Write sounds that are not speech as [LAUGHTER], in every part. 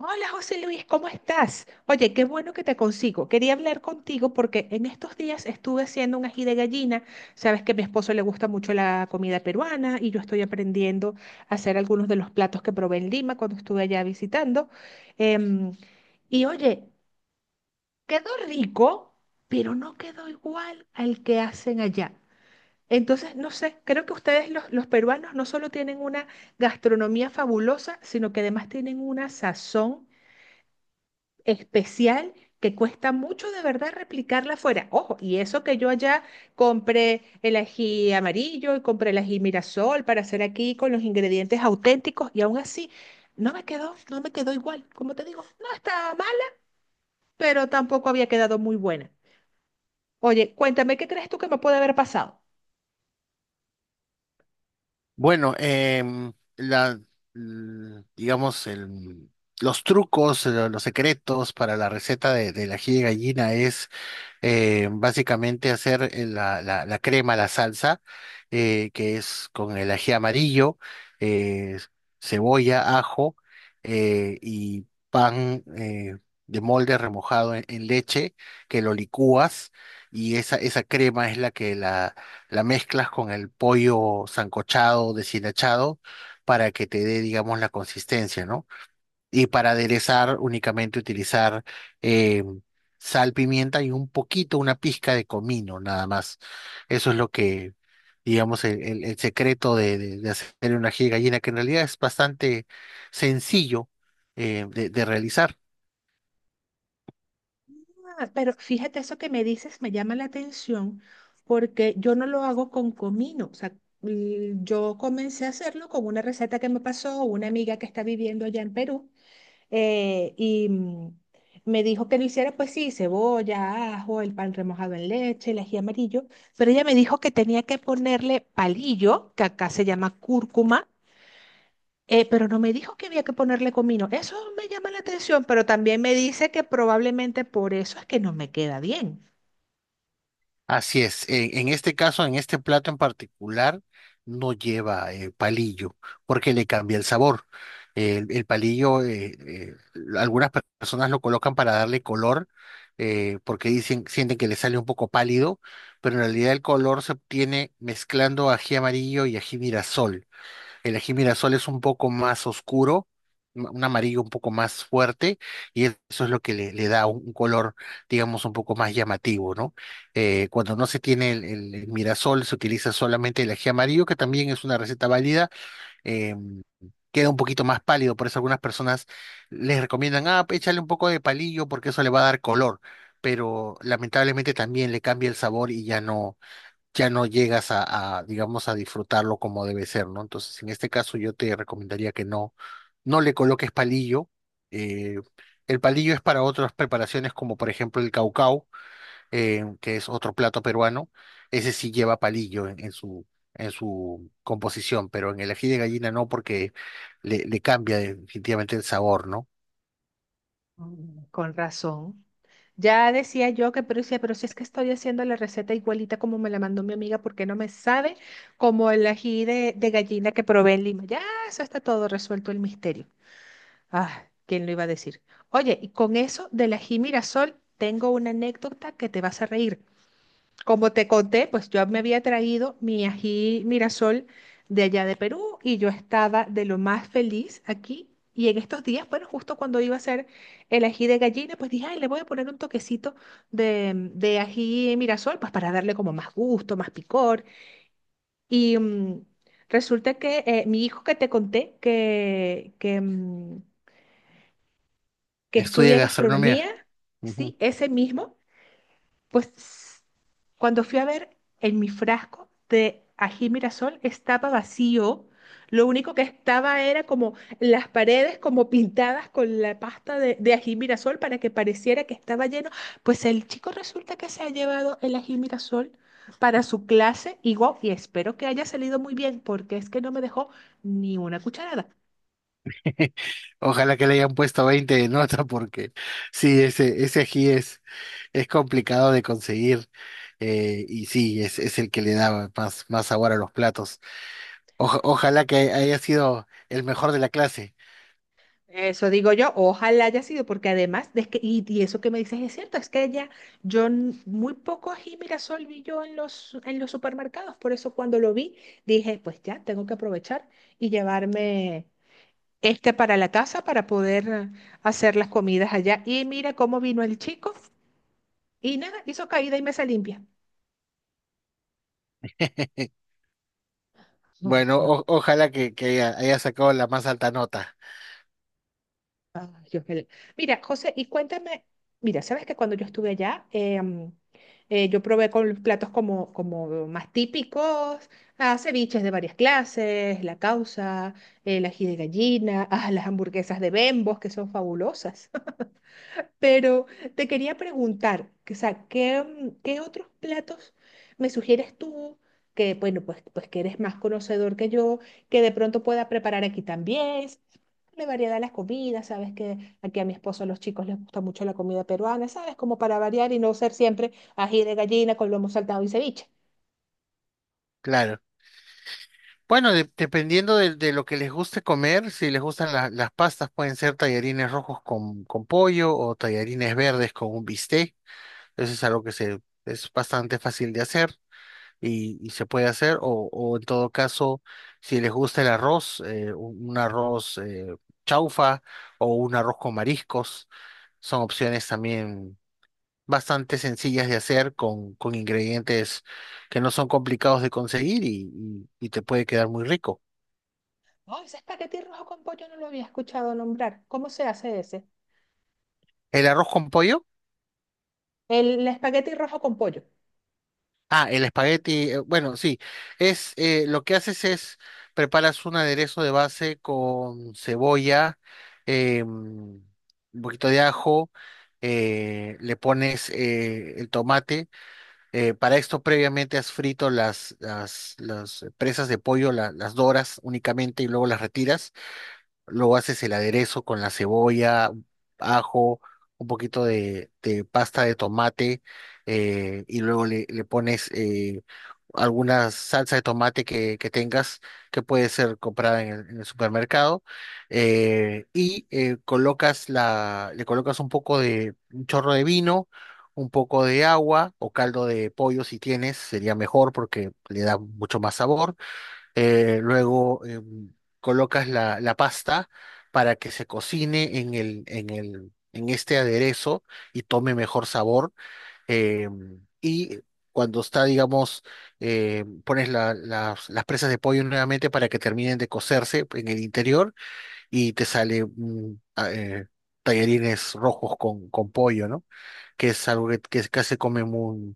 Hola José Luis, ¿cómo estás? Oye, qué bueno que te consigo. Quería hablar contigo porque en estos días estuve haciendo un ají de gallina. Sabes que a mi esposo le gusta mucho la comida peruana y yo estoy aprendiendo a hacer algunos de los platos que probé en Lima cuando estuve allá visitando. Em, y oye, quedó rico, pero no quedó igual al que hacen allá. Entonces, no sé, creo que ustedes los peruanos no solo tienen una gastronomía fabulosa, sino que además tienen una sazón especial que cuesta mucho de verdad replicarla afuera. Ojo, y eso que yo allá compré el ají amarillo y compré el ají Mirasol para hacer aquí con los ingredientes auténticos y aún así no me quedó igual. Como te digo, no estaba mal, pero tampoco había quedado muy buena. Oye, cuéntame, ¿qué crees tú que me puede haber pasado? Bueno, em, la, l- digamos, el- los trucos, los secretos para la receta del ají de gallina es básicamente hacer la crema, la salsa, que es con el ají amarillo, eh, cebolla, ajo y pan de molde remojado en leche, que lo licúas y esa crema es la que la mezclas con el pollo sancochado, deshilachado, para que te dé, digamos, la consistencia, ¿no? Y para aderezar, únicamente utilizar eh, sal, pimienta y un poquito, una pizca de comino, nada más. Eso es lo que, digamos, el secreto de hacer un ají de gallina, que en realidad es bastante sencillo de realizar. Ah, pero fíjate, eso que me dices me llama la atención porque yo no lo hago con comino. O sea, yo comencé a hacerlo con una receta que me pasó una amiga que está viviendo allá en Perú, eh, y mm, me dijo que lo hiciera, pues sí, cebolla, ajo, el pan remojado en leche, el ají amarillo, pero ella me dijo que tenía que ponerle palillo, que acá se llama cúrcuma, pero no me dijo que había que ponerle comino. Eso me llama la atención, pero también me dice que probablemente por eso es que no me queda bien. Así es, en este caso, en este plato en particular, no lleva palillo, porque le cambia el sabor. El palillo, algunas personas lo colocan para darle color, porque dicen, sienten que le sale un poco pálido, pero en realidad el color se obtiene mezclando ají amarillo y ají mirasol. El ají mirasol es un poco más oscuro, un amarillo un poco más fuerte, y eso es lo que le da un color, digamos, un poco más llamativo, ¿no? Cuando no se tiene el mirasol, se utiliza solamente el ají amarillo, que también es una receta válida. eh, Queda un poquito más pálido, por eso algunas personas les recomiendan, ah, échale un poco de palillo porque eso le va a dar color, pero lamentablemente también le cambia el sabor y ya no llegas a, digamos, a disfrutarlo como debe ser, ¿no? Entonces, en este caso yo te recomendaría que no le coloques palillo. eh, el palillo es para otras preparaciones como por ejemplo el caucau, que es otro plato peruano. Ese sí lleva palillo en su composición, pero en el ají de gallina no porque le cambia definitivamente el sabor, ¿no? Mm, con razón. Ya decía yo que, pero decía, pero si es que estoy haciendo la receta igualita como me la mandó mi amiga, ¿por qué no me sabe como el ají de gallina que probé en Lima? Ya, eso está todo resuelto el misterio. Ah, ¿quién lo iba a decir? Oye, y con eso del ají Mirasol, tengo una anécdota que te vas a reír. Como te conté, pues yo me había traído mi ají Mirasol de allá de Perú y yo estaba de lo más feliz aquí. Y en estos días, bueno, justo cuando iba a hacer el ají de gallina, pues dije, ay, le voy a poner un toquecito de ají Mirasol, pues para darle como más gusto, más picor. Y mm, Resulta que mi hijo que te conté, que Estudia estudia gastronomía. gastronomía, Ujú. sí, ese mismo, pues cuando fui a ver en mi frasco de ají mirasol estaba vacío. Lo único que estaba era como las paredes como pintadas con la pasta de ají mirasol para que pareciera que estaba lleno. Pues el chico resulta que se ha llevado el ají mirasol para su clase y guau, y espero que haya salido muy bien porque es que no me dejó ni una cucharada. [LAUGHS] Ojalá que le hayan puesto 20 de nota porque sí, ese ají es complicado de conseguir y sí, es el que le da más sabor a los platos. Ojalá que haya sido el mejor de la clase. Eso digo yo, ojalá haya sido, porque además, de que, y eso que me dices es cierto, es que ella, yo muy poco ají Mirasol vi yo en los supermercados, por eso cuando lo vi dije, pues ya, tengo que aprovechar y llevarme este para la casa para poder hacer las comidas allá. Y mira cómo vino el chico y nada, hizo caída y mesa limpia. [LAUGHS] Ay, Bueno, no. Ojalá que, haya sacado la más alta nota, Ay, Dios mío. Mira, José, y cuéntame, mira, sabes que cuando yo estuve allá, yo probé con platos como más típicos, ah, ceviches de varias clases, la causa, el ají de gallina, [LAUGHS] ah, las hamburguesas de Bembos, que son fabulosas. [LAUGHS] Pero te quería preguntar, que, o sea, ¿qué otros platos me sugieres tú? Que bueno, pues, pues que eres más conocedor que yo, que de pronto pueda preparar aquí también darle variedad a las comidas, sabes que aquí a mi esposo, a los chicos les gusta mucho la comida peruana, sabes, como para variar y no ser siempre ají de gallina con lomo saltado y ceviche. claro. Bueno, dependiendo de lo que les guste comer, si les gustan las pastas, pueden ser tallarines rojos con pollo o tallarines verdes con un bistec. Eso es algo es bastante fácil de hacer. Y, y se puede hacer, o en todo caso, si les gusta el arroz, un arroz chaufa o un arroz con mariscos, son opciones también bastante sencillas de hacer con ingredientes que no son complicados de conseguir y, y te puede quedar muy rico. Oh, ese espagueti rojo con pollo no lo había escuchado nombrar. ¿Cómo se hace ese? ¿El arroz con pollo? El, espagueti rojo con pollo. Ah, el espagueti, bueno, sí, es lo que haces es preparas un aderezo de base con cebolla, un poquito de ajo, le pones el tomate. Para esto previamente has frito las presas de pollo, las doras únicamente y luego las retiras. Luego haces el aderezo con la cebolla, ajo, un poquito de pasta de tomate y luego le pones alguna salsa de tomate que tengas que puede ser comprada en el supermercado colocas le colocas un poco de un chorro de vino, un poco de agua o caldo de pollo si tienes, sería mejor porque le da mucho más sabor eh, luego em, colocas la pasta para que se cocine en este aderezo y tome mejor sabor. Y cuando está, digamos, pones las presas de pollo nuevamente para que terminen de cocerse en el interior y te sale tallarines rojos con pollo, ¿no? Que es algo que casi se come muy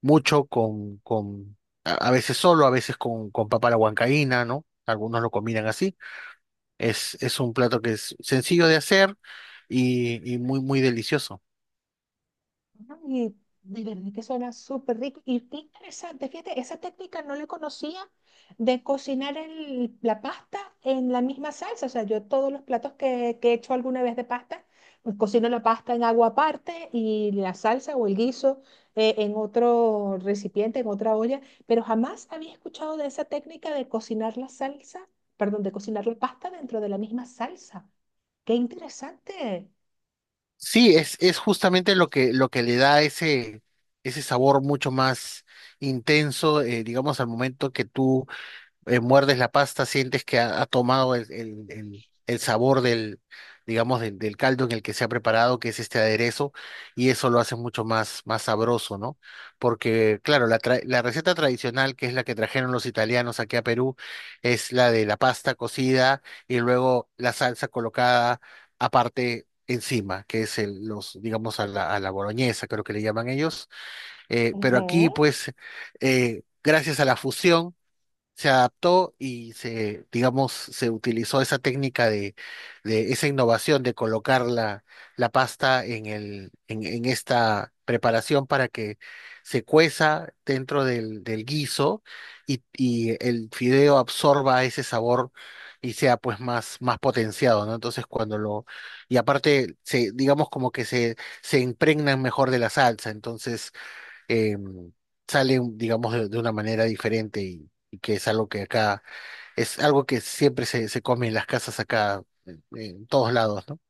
mucho con a veces solo, a veces con papa a la huancaína, ¿no? Algunos lo combinan así. Es un plato que es sencillo de hacer y, muy delicioso. Y de verdad que suena súper rico. Y qué interesante, fíjate, esa técnica no la conocía de cocinar la pasta en la misma salsa. O sea, yo todos los platos que he hecho alguna vez de pasta, pues cocino la pasta en agua aparte y la salsa o el guiso en otro recipiente, en otra olla. Pero jamás había escuchado de esa técnica de cocinar la salsa, perdón, de cocinar la pasta dentro de la misma salsa. Qué interesante. Sí, es justamente lo que le da ese sabor mucho más intenso, digamos, al momento que tú muerdes la pasta, sientes que ha tomado el sabor digamos, del caldo en el que se ha preparado, que es este aderezo, y eso lo hace mucho más sabroso, ¿no? Porque, claro, la receta tradicional, que es la que trajeron los italianos aquí a Perú, es la de la pasta cocida y luego la salsa colocada aparte, encima, que es digamos, a la boloñesa, creo que le llaman ellos. Pero aquí, Ujú. pues, gracias a la fusión, se adaptó y se, digamos, se utilizó esa técnica de esa innovación de colocar la pasta en esta preparación para que se cueza dentro del, del guiso y el fideo absorba ese sabor y sea pues más potenciado, ¿no? Entonces y aparte se, se impregnan mejor de la salsa, entonces eh, sale, digamos, de una manera diferente y que es algo que es algo que siempre se, se come en las casas acá, en todos lados, ¿no?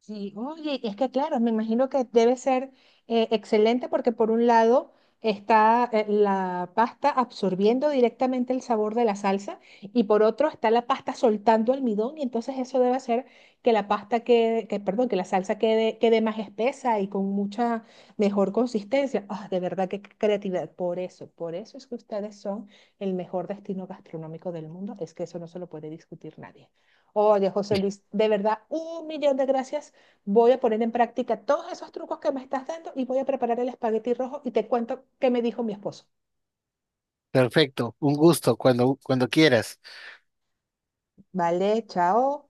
Sí, oye, es que claro, me imagino que debe ser excelente porque por un lado está la pasta absorbiendo directamente el sabor de la salsa y por otro está la pasta soltando almidón y entonces eso debe hacer que la pasta quede, que, perdón, que la salsa quede más espesa y con mucha mejor consistencia. Ah, de verdad, qué creatividad. Por eso es que ustedes son el mejor destino gastronómico del mundo. Es que eso no se lo puede discutir nadie. Oye, José Luis, de verdad, un millón de gracias. Voy a poner en práctica todos esos trucos que me estás dando y voy a preparar el espagueti rojo y te cuento qué me dijo mi esposo. Perfecto, un gusto, cuando, cuando quieras. Vale, chao.